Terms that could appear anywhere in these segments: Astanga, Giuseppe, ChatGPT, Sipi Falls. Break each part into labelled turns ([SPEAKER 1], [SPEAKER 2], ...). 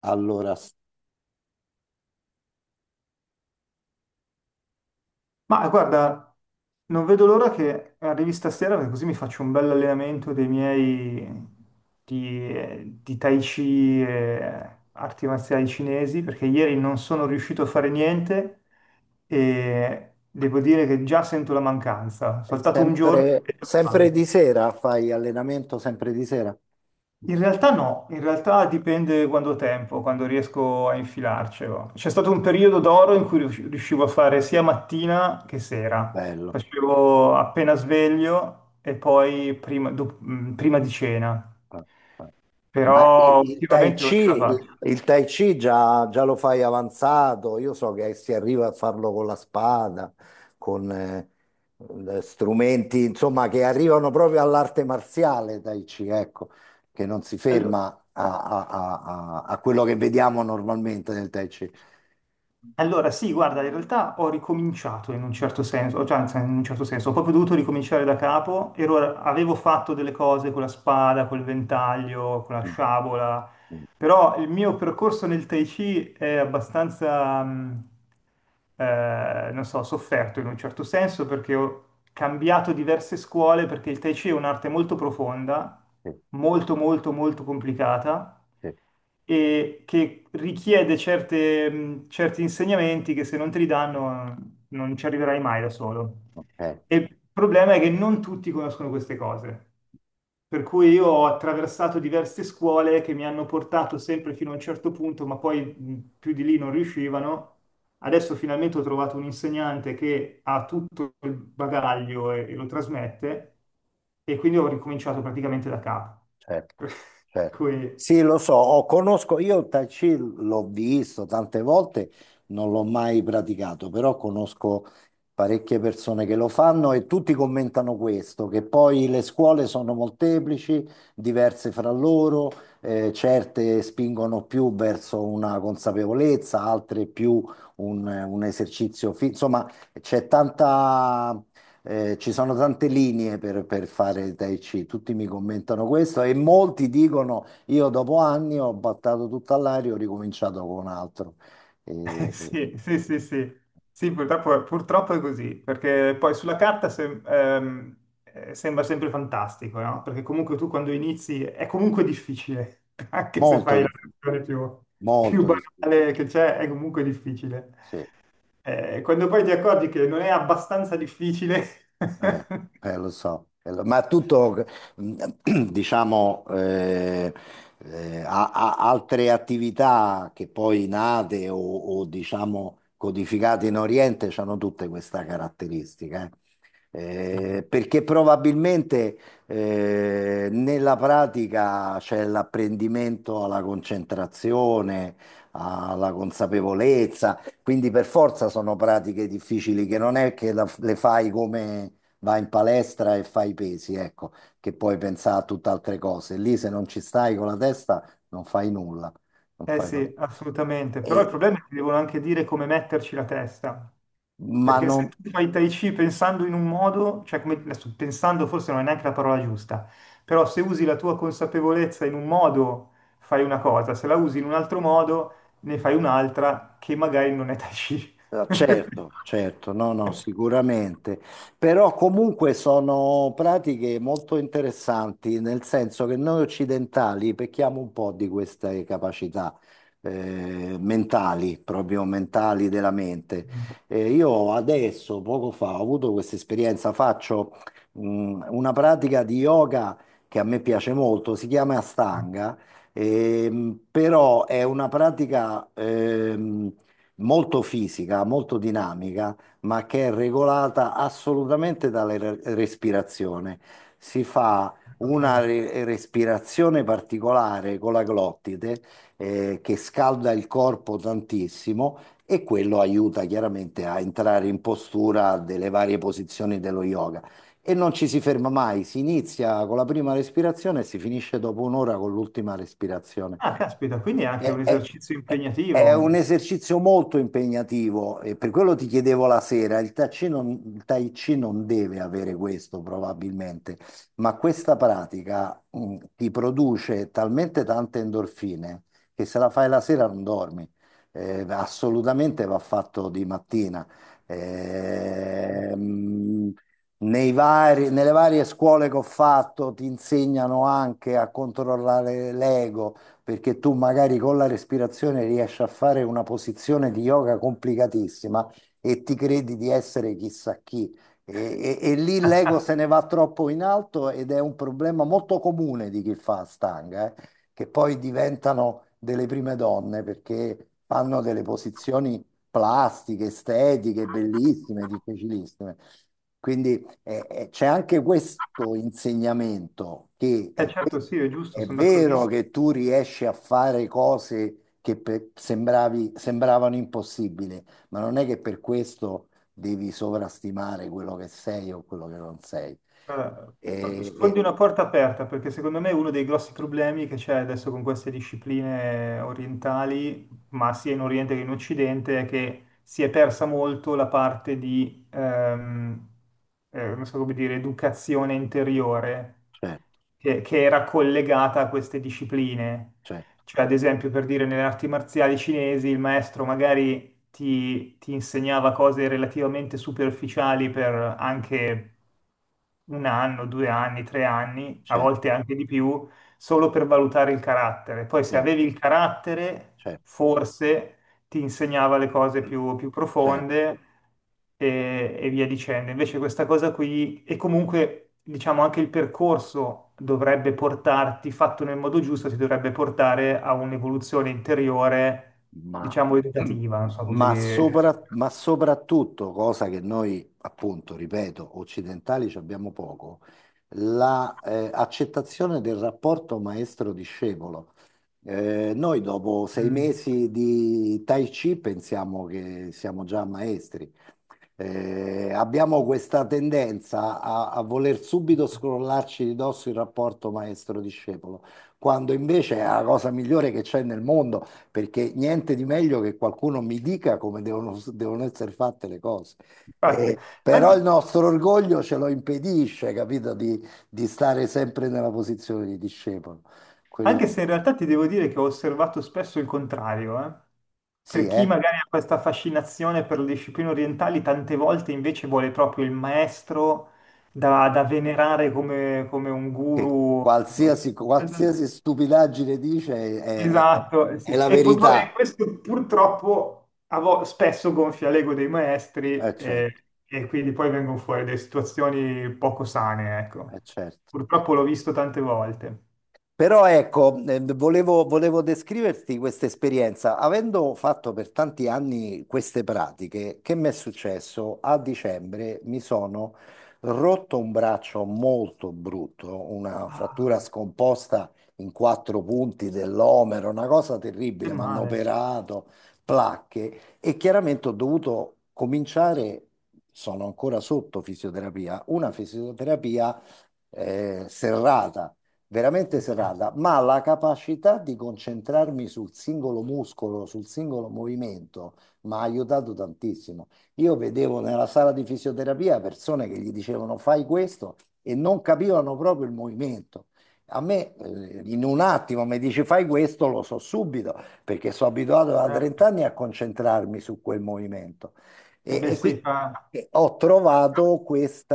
[SPEAKER 1] Allora, s-
[SPEAKER 2] Ma guarda, non vedo l'ora che arrivi stasera perché così mi faccio un bel allenamento dei miei di Tai Chi e arti marziali cinesi perché ieri non sono riuscito a fare niente e devo dire che già sento la mancanza. Ho saltato un giorno
[SPEAKER 1] sempre,
[SPEAKER 2] e
[SPEAKER 1] sempre
[SPEAKER 2] manca.
[SPEAKER 1] di sera fai allenamento, sempre di sera?
[SPEAKER 2] In realtà no, in realtà dipende quando ho tempo, quando riesco a infilarcelo. C'è stato un periodo d'oro in cui riuscivo a fare sia mattina che sera.
[SPEAKER 1] Bello.
[SPEAKER 2] Facevo appena sveglio e poi prima di cena,
[SPEAKER 1] Eh, eh.
[SPEAKER 2] però
[SPEAKER 1] Tai
[SPEAKER 2] ultimamente
[SPEAKER 1] Chi,
[SPEAKER 2] non ce la faccio.
[SPEAKER 1] il Tai Chi già lo fai avanzato, io so che si arriva a farlo con la spada, con strumenti, insomma, che arrivano proprio all'arte marziale Tai Chi, ecco, che non si
[SPEAKER 2] Allo-
[SPEAKER 1] ferma a quello che vediamo normalmente nel Tai Chi.
[SPEAKER 2] Allora, sì, guarda, in realtà ho ricominciato in un certo senso, cioè anzi, in un certo senso, ho proprio dovuto ricominciare da capo, ero, avevo fatto delle cose con la spada, col ventaglio, con la
[SPEAKER 1] Mm,
[SPEAKER 2] sciabola.
[SPEAKER 1] mm,
[SPEAKER 2] Però il mio percorso nel Tai Chi è abbastanza, non so, sofferto in un certo senso perché ho cambiato diverse scuole perché il Tai Chi è un'arte molto profonda,
[SPEAKER 1] sì,
[SPEAKER 2] molto molto molto complicata
[SPEAKER 1] sì,
[SPEAKER 2] e che richiede certi insegnamenti che se non te li danno non ci arriverai mai da solo.
[SPEAKER 1] ok.
[SPEAKER 2] E il problema è che non tutti conoscono queste cose. Per cui io ho attraversato diverse scuole che mi hanno portato sempre fino a un certo punto, ma poi più di lì non riuscivano. Adesso finalmente ho trovato un insegnante che ha tutto il bagaglio e, lo trasmette, e quindi ho ricominciato praticamente da capo.
[SPEAKER 1] Certo,
[SPEAKER 2] Per
[SPEAKER 1] certo.
[SPEAKER 2] cui
[SPEAKER 1] Sì, lo so, conosco, io il Tai Chi l'ho visto tante volte, non l'ho mai praticato, però conosco parecchie persone che lo fanno e tutti commentano questo, che poi le scuole sono molteplici, diverse fra loro, certe spingono più verso una consapevolezza, altre più un esercizio, insomma, c'è tanta ci sono tante linee per fare il Tai Chi, tutti mi commentano questo e molti dicono io dopo anni ho battato tutta all'aria, ho ricominciato con altro. Eh, eh,
[SPEAKER 2] Sì, sì, sì, sì. Sì, purtroppo, purtroppo è così, perché poi sulla carta sembra sempre fantastico, no? Perché comunque tu quando inizi è comunque difficile, anche se
[SPEAKER 1] molto
[SPEAKER 2] fai la
[SPEAKER 1] difficile,
[SPEAKER 2] versione più, più
[SPEAKER 1] molto difficile,
[SPEAKER 2] banale che c'è, è comunque difficile.
[SPEAKER 1] sì.
[SPEAKER 2] Quando poi ti accorgi che non è abbastanza difficile,
[SPEAKER 1] Eh, ma tutto, mm, diciamo, altre attività che poi nate diciamo codificate in Oriente hanno tutte questa caratteristica, eh.
[SPEAKER 2] sì.
[SPEAKER 1] Perché probabilmente nella pratica c'è l'apprendimento alla concentrazione, alla consapevolezza, quindi per forza sono pratiche difficili che non è che le fai come vai in palestra e fai i pesi, ecco, che puoi pensare a tutt'altre cose. Lì se non ci stai con la testa non fai nulla, non
[SPEAKER 2] Eh sì, assolutamente, però il
[SPEAKER 1] e,
[SPEAKER 2] problema è che devono anche dire come metterci la testa.
[SPEAKER 1] ma
[SPEAKER 2] Perché
[SPEAKER 1] non...
[SPEAKER 2] se tu fai Tai Chi pensando in un modo, cioè come, adesso pensando forse non è neanche la parola giusta, però se usi la tua consapevolezza in un modo fai una cosa, se la usi in un altro modo ne fai un'altra che magari non è Tai Chi.
[SPEAKER 1] Certo, certo, no, no, sicuramente, però comunque sono pratiche molto interessanti, nel senso che noi occidentali pecchiamo un po' di queste capacità mentali, proprio mentali della mente. Io adesso, poco fa, ho avuto questa esperienza, faccio una pratica di yoga che a me piace molto, si chiama Astanga, però è una pratica, molto fisica, molto dinamica, ma che è regolata assolutamente dalla respirazione. Si fa una
[SPEAKER 2] Ok.
[SPEAKER 1] respirazione particolare con la glottide, che scalda il corpo tantissimo e quello aiuta chiaramente a entrare in postura delle varie posizioni dello yoga. E non ci si ferma mai, si inizia con la prima respirazione e si finisce dopo un'ora con l'ultima respirazione.
[SPEAKER 2] Ah, caspita, quindi è anche
[SPEAKER 1] È,
[SPEAKER 2] un
[SPEAKER 1] è-
[SPEAKER 2] esercizio
[SPEAKER 1] è un
[SPEAKER 2] impegnativo.
[SPEAKER 1] esercizio molto impegnativo e per quello ti chiedevo la sera, il Tai Chi non deve avere questo probabilmente, ma questa pratica ti produce talmente tante endorfine che se la fai la sera non dormi. Assolutamente va fatto di mattina. Ehm, nelle varie scuole che ho fatto ti insegnano anche a controllare l'ego perché tu magari con la respirazione riesci a fare una posizione di yoga complicatissima e ti credi di essere chissà chi. E lì l'ego se ne va troppo in alto ed è un problema molto comune di chi fa stanga, che poi diventano delle prime donne perché fanno delle posizioni plastiche, estetiche, bellissime, difficilissime. Quindi c'è anche questo insegnamento che
[SPEAKER 2] Eh
[SPEAKER 1] è, ve-
[SPEAKER 2] certo, sì, è giusto,
[SPEAKER 1] è
[SPEAKER 2] sono
[SPEAKER 1] vero
[SPEAKER 2] d'accordissimo.
[SPEAKER 1] che tu riesci a fare cose che sembravano impossibili, ma non è che per questo devi sovrastimare quello che sei o quello che non sei.
[SPEAKER 2] Guarda,
[SPEAKER 1] E, e-
[SPEAKER 2] sfondi una porta aperta perché secondo me uno dei grossi problemi che c'è adesso con queste discipline orientali, ma sia in Oriente che in Occidente, è che si è persa molto la parte di, non so come dire, educazione interiore
[SPEAKER 1] certo,
[SPEAKER 2] che, era collegata a queste discipline.
[SPEAKER 1] certo,
[SPEAKER 2] Cioè, ad esempio, per dire, nelle arti marziali cinesi il maestro magari ti insegnava cose relativamente superficiali per anche un anno, due anni, tre anni, a
[SPEAKER 1] certo,
[SPEAKER 2] volte anche di più, solo per valutare il carattere. Poi se
[SPEAKER 1] certo,
[SPEAKER 2] avevi il carattere,
[SPEAKER 1] certo,
[SPEAKER 2] forse ti insegnava le cose più
[SPEAKER 1] certo.
[SPEAKER 2] profonde e, via dicendo. Invece questa cosa qui, e comunque diciamo anche il percorso dovrebbe portarti, fatto nel modo giusto, ti dovrebbe portare a un'evoluzione interiore,
[SPEAKER 1] Ma,
[SPEAKER 2] diciamo, educativa, non so come dire.
[SPEAKER 1] ma soprattutto, cosa che noi, appunto, ripeto, occidentali ci abbiamo poco, la, accettazione del rapporto maestro-discepolo. Noi dopo sei
[SPEAKER 2] Mm.
[SPEAKER 1] mesi di Tai Chi pensiamo che siamo già maestri. Abbiamo questa tendenza a voler subito scrollarci di dosso il rapporto maestro-discepolo, quando invece è la cosa migliore che c'è nel mondo perché niente di meglio che qualcuno mi dica come devono essere fatte le cose.
[SPEAKER 2] Infatti,
[SPEAKER 1] Però il
[SPEAKER 2] anche-
[SPEAKER 1] nostro orgoglio ce lo impedisce, capito, di stare sempre nella posizione di discepolo.
[SPEAKER 2] anche
[SPEAKER 1] Quello
[SPEAKER 2] se in realtà ti devo dire che ho osservato spesso il contrario, eh.
[SPEAKER 1] sì,
[SPEAKER 2] Per chi magari ha questa fascinazione per le discipline orientali, tante volte invece vuole proprio il maestro da venerare come, come un
[SPEAKER 1] che
[SPEAKER 2] guru.
[SPEAKER 1] qualsiasi stupidaggine dice è, è-
[SPEAKER 2] Esatto, sì,
[SPEAKER 1] è
[SPEAKER 2] sì.
[SPEAKER 1] la
[SPEAKER 2] E,
[SPEAKER 1] verità.
[SPEAKER 2] e questo purtroppo spesso gonfia l'ego dei
[SPEAKER 1] È
[SPEAKER 2] maestri
[SPEAKER 1] certo,
[SPEAKER 2] e, quindi poi vengono fuori delle situazioni poco sane, ecco.
[SPEAKER 1] è certo, è
[SPEAKER 2] Purtroppo l'ho
[SPEAKER 1] certo.
[SPEAKER 2] visto tante volte.
[SPEAKER 1] Però ecco, volevo descriverti questa esperienza. Avendo fatto per tanti anni queste pratiche, che mi è successo? A dicembre mi sono rotto un braccio molto brutto, una
[SPEAKER 2] Ah,
[SPEAKER 1] frattura scomposta in quattro punti dell'omero, una cosa
[SPEAKER 2] che
[SPEAKER 1] terribile. Mi hanno
[SPEAKER 2] male.
[SPEAKER 1] operato, placche e chiaramente ho dovuto cominciare, sono ancora sotto fisioterapia, una fisioterapia serrata veramente
[SPEAKER 2] Certo.
[SPEAKER 1] serrata, ma la capacità di concentrarmi sul singolo muscolo, sul singolo movimento, mi ha aiutato tantissimo. Io vedevo nella sala di fisioterapia persone che gli dicevano fai questo e non capivano proprio il movimento. A me, in un attimo mi dici fai questo, lo so subito, perché sono abituato da
[SPEAKER 2] Eh,
[SPEAKER 1] 30 anni a concentrarmi su quel movimento.
[SPEAKER 2] eh
[SPEAKER 1] E,
[SPEAKER 2] beh
[SPEAKER 1] e qui
[SPEAKER 2] sì, fa...
[SPEAKER 1] e ho trovato questo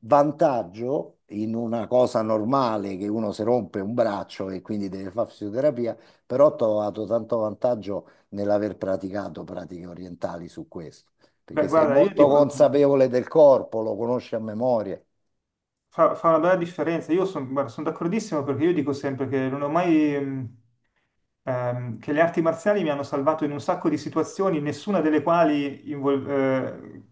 [SPEAKER 1] vantaggio in una cosa normale che uno si rompe un braccio e quindi deve fare fisioterapia, però ho trovato tanto vantaggio nell'aver praticato pratiche orientali su questo,
[SPEAKER 2] Beh,
[SPEAKER 1] perché sei
[SPEAKER 2] guarda, io
[SPEAKER 1] molto
[SPEAKER 2] dico,
[SPEAKER 1] consapevole del corpo, lo conosci a memoria.
[SPEAKER 2] fa una bella differenza. Io sono d'accordissimo perché io dico sempre che non ho mai... che le arti marziali mi hanno salvato in un sacco di situazioni, nessuna delle quali invol- eh,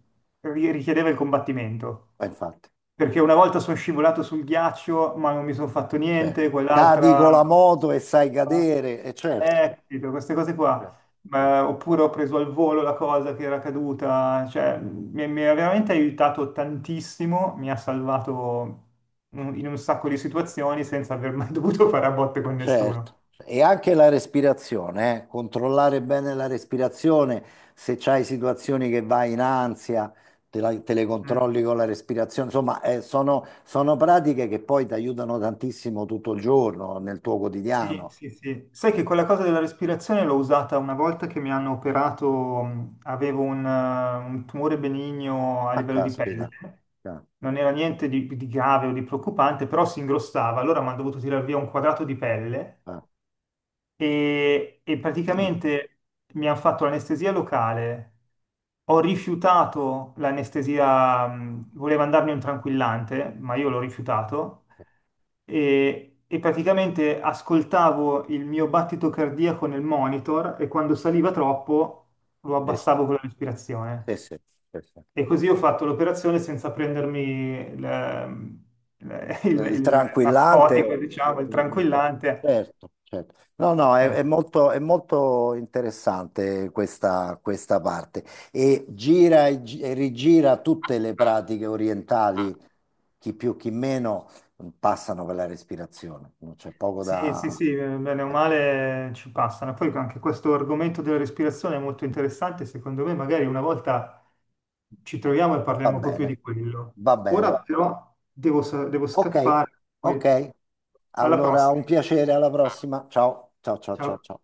[SPEAKER 2] ri- richiedeva il combattimento.
[SPEAKER 1] Ma infatti,
[SPEAKER 2] Perché una volta sono scivolato sul ghiaccio, ma non mi sono fatto
[SPEAKER 1] cioè,
[SPEAKER 2] niente,
[SPEAKER 1] cadi
[SPEAKER 2] quell'altra...
[SPEAKER 1] con la moto e sai cadere, e certo,
[SPEAKER 2] Capito, queste cose qua.
[SPEAKER 1] certo, certo.
[SPEAKER 2] Oppure ho preso al volo la cosa che era caduta, cioè mi ha veramente aiutato tantissimo, mi ha salvato in un sacco di situazioni senza aver mai dovuto fare a botte con nessuno.
[SPEAKER 1] Certo, e anche la respirazione, eh. Controllare bene la respirazione, se c'hai situazioni che vai in ansia, te, te le
[SPEAKER 2] Mm.
[SPEAKER 1] controlli con la respirazione, insomma, sono pratiche che poi ti aiutano tantissimo tutto il giorno nel tuo
[SPEAKER 2] Sì,
[SPEAKER 1] quotidiano.
[SPEAKER 2] sì, sì. Sai
[SPEAKER 1] Ah,
[SPEAKER 2] che quella cosa della respirazione l'ho usata una volta che mi hanno operato, avevo un tumore benigno a
[SPEAKER 1] ah,
[SPEAKER 2] livello di pelle,
[SPEAKER 1] caspita. Ah,
[SPEAKER 2] non era niente di grave o di preoccupante, però si ingrossava, allora mi hanno dovuto tirare via un quadrato di pelle
[SPEAKER 1] ah,
[SPEAKER 2] e, praticamente mi hanno fatto l'anestesia locale. Ho rifiutato l'anestesia, voleva andarmi un tranquillante, ma io
[SPEAKER 1] sì,
[SPEAKER 2] l'ho rifiutato
[SPEAKER 1] sì, sì.
[SPEAKER 2] e, praticamente ascoltavo il mio battito cardiaco nel monitor e quando saliva troppo lo
[SPEAKER 1] Adesso...
[SPEAKER 2] abbassavo con la respirazione.
[SPEAKER 1] sì, sì, sì, sì.
[SPEAKER 2] E così ho fatto l'operazione senza
[SPEAKER 1] Il
[SPEAKER 2] il
[SPEAKER 1] tranquillante,
[SPEAKER 2] narcotico, diciamo, il
[SPEAKER 1] un po'.
[SPEAKER 2] tranquillante.
[SPEAKER 1] Certo, certo. No, no,
[SPEAKER 2] Eh.
[SPEAKER 1] è molto interessante questa, questa parte e gira e rigira tutte le pratiche orientali, chi più chi meno, passano per la respirazione, non c'è poco
[SPEAKER 2] Sì, sì,
[SPEAKER 1] da...
[SPEAKER 2] sì, bene o
[SPEAKER 1] eh,
[SPEAKER 2] male ci passano. Poi anche questo argomento della respirazione è molto interessante, secondo me magari una volta ci troviamo e
[SPEAKER 1] va
[SPEAKER 2] parliamo proprio
[SPEAKER 1] bene,
[SPEAKER 2] di quello.
[SPEAKER 1] va bene.
[SPEAKER 2] Ora però devo
[SPEAKER 1] Ok,
[SPEAKER 2] scappare, quindi
[SPEAKER 1] ok.
[SPEAKER 2] alla
[SPEAKER 1] Allora,
[SPEAKER 2] prossima.
[SPEAKER 1] un piacere, alla prossima. Ciao, ciao, ciao, ciao,
[SPEAKER 2] Ciao.
[SPEAKER 1] ciao.